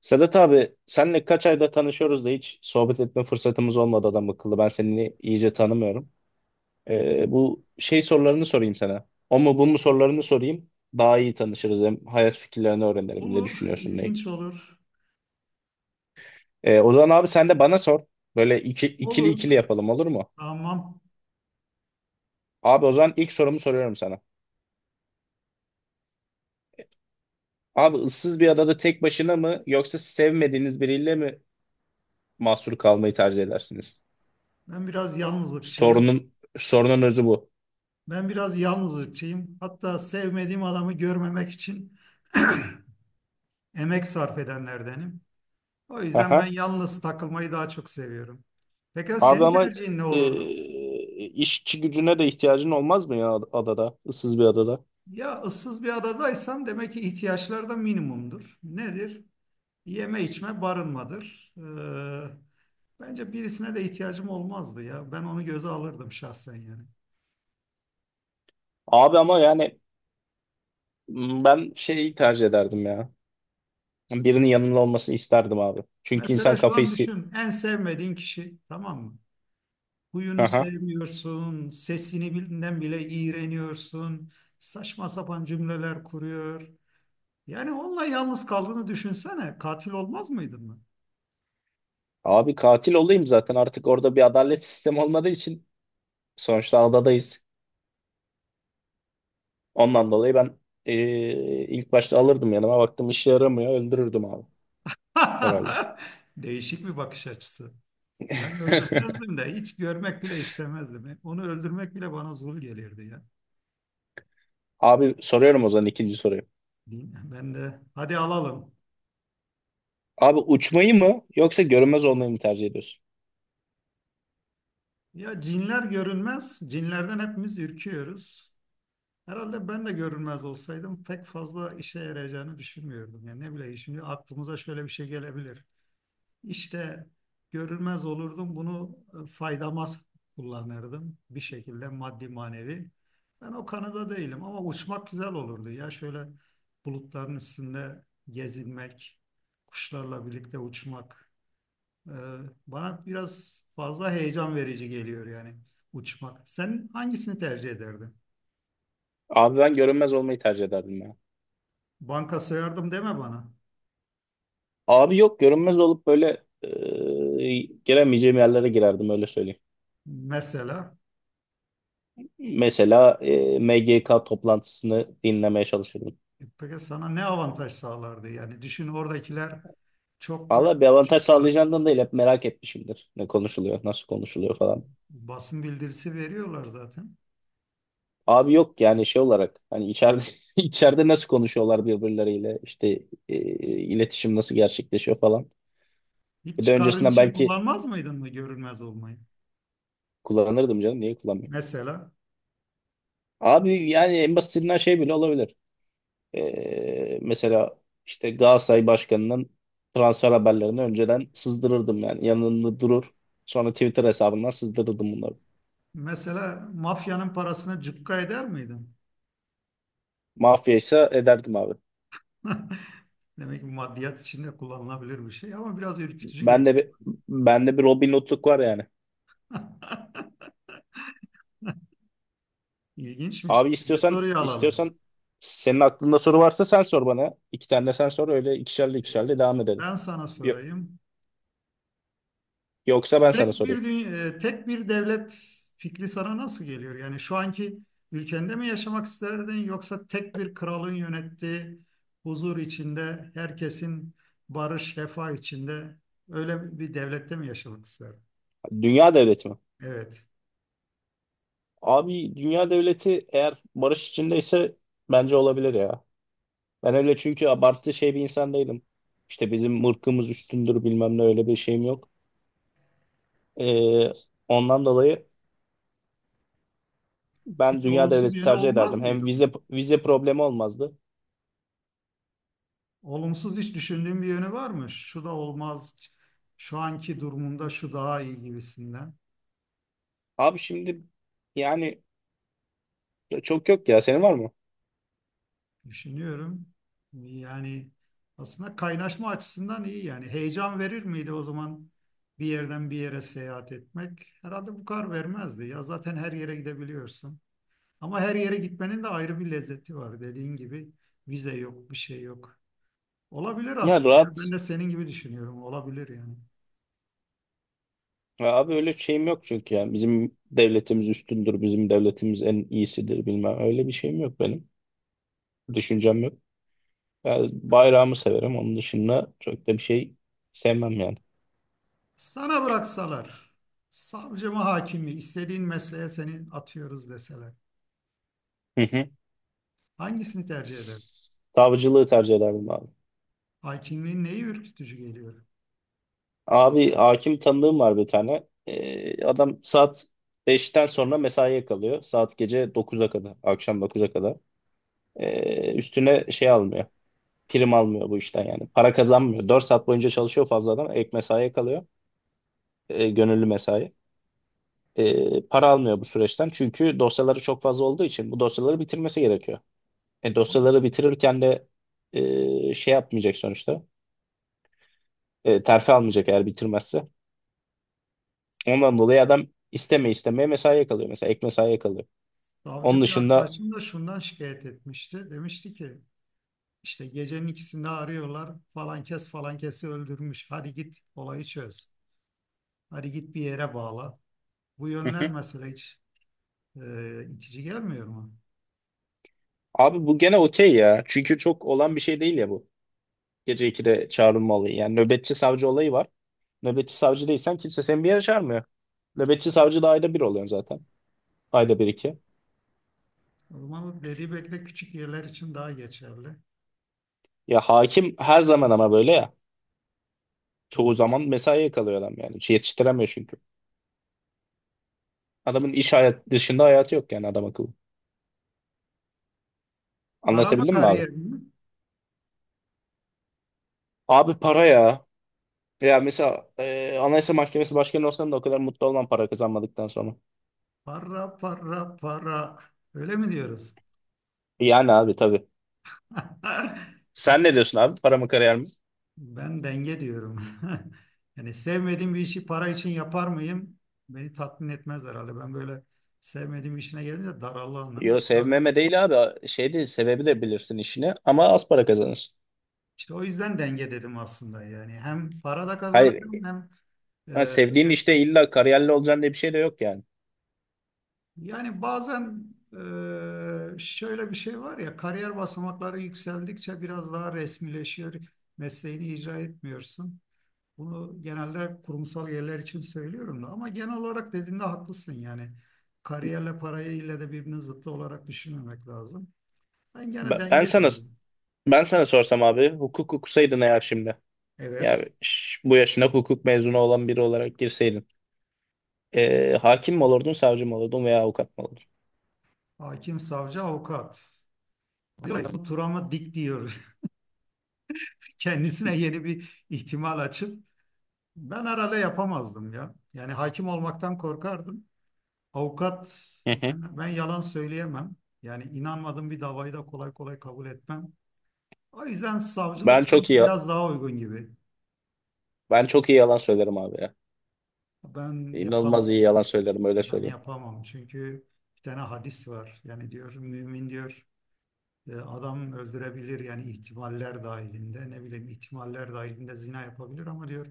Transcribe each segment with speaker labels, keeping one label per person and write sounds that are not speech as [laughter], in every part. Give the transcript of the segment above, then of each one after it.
Speaker 1: Sedat abi senle kaç ayda tanışıyoruz da hiç sohbet etme fırsatımız olmadı adam akıllı. Ben seni iyice tanımıyorum. Bu sorularını sorayım sana. O mu bu mu sorularını sorayım. Daha iyi tanışırız, hem hayat fikirlerini öğrenelim. Ne
Speaker 2: Olur,
Speaker 1: düşünüyorsun ne?
Speaker 2: ilginç olur.
Speaker 1: O zaman abi sen de bana sor. Böyle ikili
Speaker 2: Olur.
Speaker 1: ikili yapalım, olur mu?
Speaker 2: Tamam.
Speaker 1: Abi o zaman ilk sorumu soruyorum sana. Abi ıssız bir adada tek başına mı yoksa sevmediğiniz biriyle mi mahsur kalmayı tercih edersiniz?
Speaker 2: Ben biraz yalnızlıkçıyım.
Speaker 1: Sorunun Sorunun özü bu.
Speaker 2: Ben biraz yalnızlıkçıyım. Hatta sevmediğim adamı görmemek için emek sarf edenlerdenim. O yüzden ben
Speaker 1: Aha.
Speaker 2: yalnız takılmayı daha çok seviyorum. Pekala
Speaker 1: Abi
Speaker 2: senin
Speaker 1: ama
Speaker 2: tercihin ne
Speaker 1: e,
Speaker 2: olurdu?
Speaker 1: işçi gücüne de ihtiyacın olmaz mı ya adada? Issız bir adada.
Speaker 2: Ya ıssız bir adadaysam demek ki ihtiyaçlar da minimumdur. Nedir? Yeme içme barınmadır. Bence birisine de ihtiyacım olmazdı ya. Ben onu göze alırdım şahsen yani.
Speaker 1: Abi ama yani ben şeyi tercih ederdim ya. Birinin yanında olmasını isterdim abi. Çünkü
Speaker 2: Mesela
Speaker 1: insan
Speaker 2: şu
Speaker 1: kafayı...
Speaker 2: an düşün en sevmediğin kişi tamam mı? Huyunu
Speaker 1: Aha.
Speaker 2: sevmiyorsun, sesini bildiğinden bile iğreniyorsun, saçma sapan cümleler kuruyor. Yani onunla yalnız kaldığını düşünsene, katil olmaz mıydın mı?
Speaker 1: Abi katil olayım zaten, artık orada bir adalet sistemi olmadığı için. Sonuçta adadayız. Ondan dolayı ben e, ilk başta alırdım yanıma. Baktım işe yaramıyor, öldürürdüm abi. Herhalde.
Speaker 2: [laughs] Değişik bir bakış açısı. Ben
Speaker 1: [laughs]
Speaker 2: öldürmezdim de hiç görmek bile istemezdim. Onu öldürmek bile bana zul gelirdi ya.
Speaker 1: Abi soruyorum o zaman ikinci soruyu.
Speaker 2: Din- Ben de hadi alalım.
Speaker 1: Abi uçmayı mı yoksa görünmez olmayı mı tercih ediyorsun?
Speaker 2: Ya cinler görünmez, cinlerden hepimiz ürküyoruz. Herhalde ben de görünmez olsaydım pek fazla işe yarayacağını düşünmüyordum. Yani ne bileyim şimdi aklımıza şöyle bir şey gelebilir. İşte görünmez olurdum bunu faydama kullanırdım bir şekilde maddi manevi. Ben o kanıda değilim ama uçmak güzel olurdu. Ya şöyle bulutların üstünde gezinmek, kuşlarla birlikte uçmak e, bana biraz fazla heyecan verici geliyor yani uçmak. Sen hangisini tercih ederdin?
Speaker 1: Abi ben görünmez olmayı tercih ederdim ya.
Speaker 2: Banka sığardım deme bana.
Speaker 1: Abi yok, görünmez olup böyle giremeyeceğim yerlere girerdim, öyle söyleyeyim.
Speaker 2: Mesela
Speaker 1: Mesela MGK toplantısını dinlemeye çalışırdım.
Speaker 2: peki sana ne avantaj sağlardı? Yani düşün oradakiler çok böyle
Speaker 1: Valla bir avantaj
Speaker 2: açık ara-
Speaker 1: sağlayacağından değil, hep merak etmişimdir. Ne konuşuluyor, nasıl konuşuluyor falan.
Speaker 2: basın bildirisi veriyorlar zaten.
Speaker 1: Abi yok, yani şey olarak hani içeride [laughs] içeride nasıl konuşuyorlar birbirleriyle, işte e, iletişim nasıl gerçekleşiyor falan.
Speaker 2: Hiç
Speaker 1: Bir de
Speaker 2: çıkarın
Speaker 1: öncesinden
Speaker 2: için
Speaker 1: belki
Speaker 2: kullanmaz mıydın mı görünmez olmayı?
Speaker 1: kullanırdım canım, niye kullanmayayım.
Speaker 2: Mesela
Speaker 1: Abi yani en basitinden şey bile olabilir. Mesela işte Galatasaray Başkanı'nın transfer haberlerini önceden sızdırırdım yani. Yanında durur. Sonra Twitter hesabından sızdırırdım bunları.
Speaker 2: mesela mafyanın parasını cukka eder miydin?
Speaker 1: Mafya ise ederdim abi.
Speaker 2: [laughs] Demek ki maddiyat içinde kullanılabilir bir şey ama biraz ürkütücü
Speaker 1: Ben de
Speaker 2: geliyor.
Speaker 1: bir, Ben de bir Robin Hood'luk var yani.
Speaker 2: [laughs] İlginçmiş.
Speaker 1: Abi
Speaker 2: Şimdi soruyu alalım.
Speaker 1: istiyorsan senin aklında soru varsa, sen sor bana. İki tane de sen sor, öyle ikişerli
Speaker 2: Ee,
Speaker 1: ikişerli devam edelim.
Speaker 2: Ben sana
Speaker 1: Yo-
Speaker 2: sorayım.
Speaker 1: Yoksa ben sana
Speaker 2: Tek
Speaker 1: sorayım.
Speaker 2: bir dünya, tek bir devlet fikri sana nasıl geliyor? Yani şu anki ülkende mi yaşamak isterdin yoksa tek bir kralın yönettiği huzur içinde herkesin barış, refah içinde öyle bir devlette mi yaşamak isterdin?
Speaker 1: Dünya devleti mi?
Speaker 2: Evet.
Speaker 1: Abi dünya devleti eğer barış içindeyse bence olabilir ya. Ben öyle, çünkü abartı şey bir insan değilim. İşte bizim ırkımız üstündür bilmem ne, öyle bir şeyim yok. Ee, Ondan dolayı ben
Speaker 2: Hiç
Speaker 1: dünya
Speaker 2: olumsuz
Speaker 1: devleti
Speaker 2: yönü
Speaker 1: tercih
Speaker 2: olmaz
Speaker 1: ederdim. Hem
Speaker 2: mıydı
Speaker 1: vize
Speaker 2: mı?
Speaker 1: problemi olmazdı.
Speaker 2: Olumsuz hiç düşündüğün bir yönü var mı? Şu da olmaz. Şu anki durumunda şu daha iyi gibisinden.
Speaker 1: Abi şimdi yani çok yok ya, senin var mı?
Speaker 2: Düşünüyorum. Yani aslında kaynaşma açısından iyi yani. Heyecan verir miydi o zaman bir yerden bir yere seyahat etmek? Herhalde bu kadar vermezdi. Ya zaten her yere gidebiliyorsun. Ama her yere gitmenin de ayrı bir lezzeti var. Dediğin gibi vize yok, bir şey yok. Olabilir
Speaker 1: Ya
Speaker 2: aslında ya. Ben
Speaker 1: rahat.
Speaker 2: de senin gibi düşünüyorum. Olabilir yani.
Speaker 1: Ya abi öyle şeyim yok çünkü ya. Bizim devletimiz üstündür, bizim devletimiz en iyisidir bilmem. Öyle bir şeyim yok benim. Düşüncem yok. Ya bayrağımı severim. Onun dışında çok da bir şey sevmem yani.
Speaker 2: Sana bıraksalar, savcı mı hakim mi, istediğin mesleğe seni atıyoruz deseler.
Speaker 1: Hı hı.
Speaker 2: Hangisini tercih eder
Speaker 1: Savcılığı tercih ederdim abi.
Speaker 2: Hakimliğin neyi ürkütücü geliyor?
Speaker 1: Abi hakim tanıdığım var bir tane. Adam saat 5'ten sonra mesaiye kalıyor. Saat gece 9'a kadar. Akşam 9'a kadar. Üstüne şey almıyor. Prim almıyor bu işten yani. Para kazanmıyor. 4 saat boyunca çalışıyor fazladan. Ek mesaiye kalıyor. Gönüllü mesai. Para almıyor bu süreçten. Çünkü dosyaları çok fazla olduğu için bu dosyaları bitirmesi gerekiyor. Dosyaları bitirirken de yapmayacak sonuçta. Terfi almayacak eğer bitirmezse. Ondan dolayı adam isteme istemeye mesaiye kalıyor. Mesela ek mesaiye kalıyor. Onun
Speaker 2: Savcı bir
Speaker 1: dışında
Speaker 2: arkadaşım da şundan şikayet etmişti. Demişti ki işte gecenin ikisinde arıyorlar falan kes falan kesi öldürmüş. Hadi git olayı çöz. Hadi git bir yere bağla. Bu
Speaker 1: hı
Speaker 2: yönler
Speaker 1: hı.
Speaker 2: mesela hiç itici gelmiyor mu?
Speaker 1: Abi bu gene okey ya. Çünkü çok olan bir şey değil ya bu. Gece 2'de çağrılma olayı. Yani nöbetçi savcı olayı var. Nöbetçi savcı değilsen kimse seni bir yere çağırmıyor. Nöbetçi savcı da ayda bir oluyorsun zaten. Ayda bir iki.
Speaker 2: O zaman o dediği belki de küçük yerler için daha geçerli.
Speaker 1: Ya hakim her zaman ama böyle ya.
Speaker 2: Hı.
Speaker 1: Çoğu zaman mesaiye kalıyor adam yani. Hiç yetiştiremiyor çünkü. Adamın iş hayat dışında hayatı yok yani adam akıllı.
Speaker 2: Para mı
Speaker 1: Anlatabildim mi abi?
Speaker 2: kariyer mi?
Speaker 1: Abi para ya. Ya mesela Anayasa Mahkemesi başkanı olsam da o kadar mutlu olmam para kazanmadıktan sonra.
Speaker 2: Para para para. Öyle mi diyoruz?
Speaker 1: Yani abi tabii.
Speaker 2: [laughs]
Speaker 1: Sen ne
Speaker 2: İnşallah
Speaker 1: diyorsun abi? Para mı kariyer mi?
Speaker 2: Ben denge diyorum. [laughs] Yani sevmediğim bir işi para için yapar mıyım? Beni tatmin etmez herhalde. Ben böyle sevmediğim işine gelince darallanım.
Speaker 1: Yo,
Speaker 2: Herhalde
Speaker 1: sevmeme değil abi. Şey değil sebebi, de bilirsin işini ama az para kazanırsın.
Speaker 2: işte o yüzden denge dedim aslında. Yani hem para da
Speaker 1: Hayır.
Speaker 2: kazanacağım hem e,
Speaker 1: Ha, sevdiğin
Speaker 2: böyle
Speaker 1: işte illa kariyerli olacaksın diye bir şey de yok yani.
Speaker 2: yani bazen şöyle bir şey var ya kariyer basamakları yükseldikçe biraz daha resmileşiyor. Mesleğini icra etmiyorsun. Bunu genelde kurumsal yerler için söylüyorum da ama genel olarak dediğinde haklısın yani. Kariyerle parayı ile de birbirinin zıttı olarak düşünmemek lazım. Ben gene
Speaker 1: Ben, ben
Speaker 2: denge
Speaker 1: sana
Speaker 2: diyorum.
Speaker 1: ben sana sorsam abi, hukuk okusaydın eğer şimdi. Yani
Speaker 2: Evet.
Speaker 1: bu yaşına hukuk mezunu olan biri olarak girseydin. E, hakim mi olurdun, savcı mı olurdun veya avukat mı olurdun?
Speaker 2: Hakim, savcı, avukat. Diyor ya, Bu Turam'ı dik diyor. [laughs] Kendisine yeni bir ihtimal açıp ben herhalde yapamazdım ya. Yani hakim olmaktan korkardım. Avukat
Speaker 1: Hı hı.
Speaker 2: ben yalan söyleyemem. Yani inanmadığım bir davayı da kolay kolay kabul etmem. O yüzden savcılık
Speaker 1: Ben çok
Speaker 2: sanki
Speaker 1: iyi
Speaker 2: biraz daha uygun gibi.
Speaker 1: Ben çok iyi yalan söylerim abi.
Speaker 2: Ben
Speaker 1: İnanılmaz
Speaker 2: yapamam.
Speaker 1: iyi yalan söylerim, öyle
Speaker 2: Ben
Speaker 1: söyleyeyim.
Speaker 2: yapamam. Çünkü bir tane hadis var. Yani diyor mümin diyor adam öldürebilir yani ihtimaller dahilinde ne bileyim ihtimaller dahilinde zina yapabilir ama diyor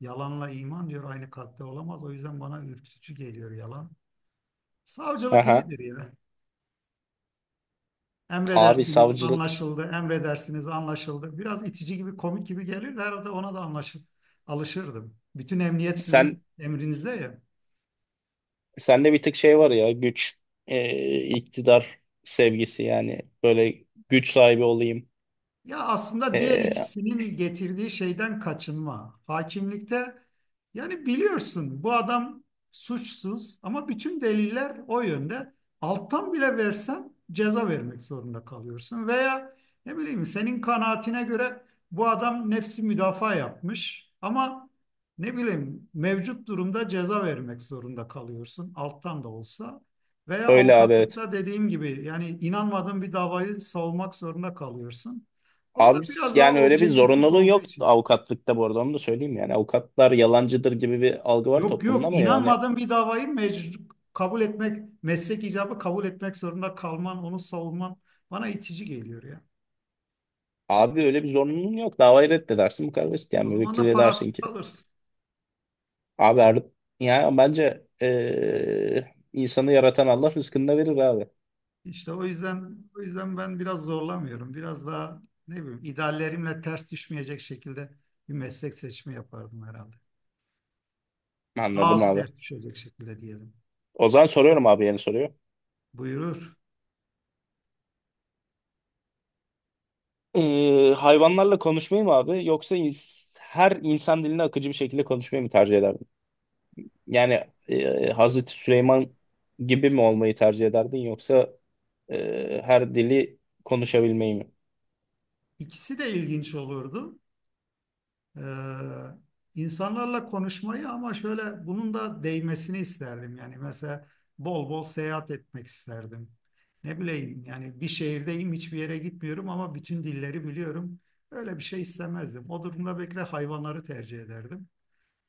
Speaker 2: yalanla iman diyor aynı kalpte olamaz. O yüzden bana ürkütücü geliyor yalan. Savcılık
Speaker 1: Aha.
Speaker 2: iyidir ya.
Speaker 1: Abi
Speaker 2: Emredersiniz
Speaker 1: savcılık,
Speaker 2: anlaşıldı. Emredersiniz anlaşıldı. Biraz itici gibi komik gibi gelir de herhalde ona da anlaşıp alışırdım. Bütün emniyet
Speaker 1: sen
Speaker 2: sizin emrinizde ya.
Speaker 1: sende bir tık şey var ya, güç iktidar sevgisi yani, böyle güç sahibi olayım.
Speaker 2: Ya aslında diğer
Speaker 1: E,
Speaker 2: ikisinin getirdiği şeyden kaçınma. Hakimlikte yani biliyorsun bu adam suçsuz ama bütün deliller o yönde. Alttan bile versen ceza vermek zorunda kalıyorsun. Veya ne bileyim senin kanaatine göre bu adam nefsi müdafaa yapmış ama ne bileyim mevcut durumda ceza vermek zorunda kalıyorsun alttan da olsa. Veya
Speaker 1: Öyle abi, evet.
Speaker 2: avukatlıkta dediğim gibi yani inanmadığın bir davayı savunmak zorunda kalıyorsun. Orada
Speaker 1: Abi
Speaker 2: biraz daha
Speaker 1: yani öyle bir
Speaker 2: objektiflik
Speaker 1: zorunluluğu
Speaker 2: olduğu
Speaker 1: yok
Speaker 2: için.
Speaker 1: avukatlıkta, bu arada onu da söyleyeyim, yani avukatlar yalancıdır gibi bir algı var
Speaker 2: Yok
Speaker 1: toplumda
Speaker 2: yok
Speaker 1: ama yani
Speaker 2: inanmadığın bir davayı mecbur kabul etmek, meslek icabı kabul etmek zorunda kalman, onu savunman bana itici geliyor ya.
Speaker 1: abi öyle bir zorunluluğun yok. Davayı reddedersin, bu kadar basit yani,
Speaker 2: O zaman da
Speaker 1: müvekkil dersin
Speaker 2: parasız
Speaker 1: ki
Speaker 2: kalırsın.
Speaker 1: abi yani bence insanı yaratan Allah rızkını da verir abi.
Speaker 2: İşte o yüzden ben biraz zorlamıyorum. Biraz daha ne bileyim ideallerimle ters düşmeyecek şekilde bir meslek seçimi yapardım herhalde. Daha
Speaker 1: Anladım
Speaker 2: az
Speaker 1: abi.
Speaker 2: ters düşecek şekilde diyelim.
Speaker 1: O zaman soruyorum abi yeni soruyor.
Speaker 2: Buyurur.
Speaker 1: Hayvanlarla konuşmayı mı abi yoksa her insan dilini akıcı bir şekilde konuşmayı mı tercih ederdin? Yani Hazreti Süleyman gibi mi olmayı tercih ederdin yoksa her dili konuşabilmeyi mi?
Speaker 2: İkisi de ilginç olurdu. Ee, insanlarla konuşmayı ama şöyle bunun da değmesini isterdim. Yani mesela bol bol seyahat etmek isterdim. Ne bileyim yani bir şehirdeyim hiçbir yere gitmiyorum ama bütün dilleri biliyorum. Öyle bir şey istemezdim. O durumda belki de hayvanları tercih ederdim.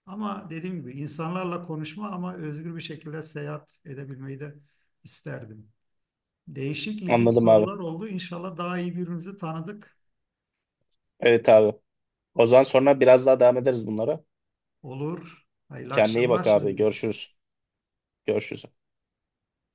Speaker 2: Ama dediğim gibi insanlarla konuşma ama özgür bir şekilde seyahat edebilmeyi de isterdim. Değişik ilginç
Speaker 1: Anladım abi.
Speaker 2: sorular oldu. İnşallah daha iyi birbirimizi tanıdık
Speaker 1: Evet abi. O zaman sonra biraz daha devam ederiz bunlara.
Speaker 2: olur. Hayırlı
Speaker 1: Kendine iyi
Speaker 2: akşamlar
Speaker 1: bak abi.
Speaker 2: şimdilik.
Speaker 1: Görüşürüz. Görüşürüz.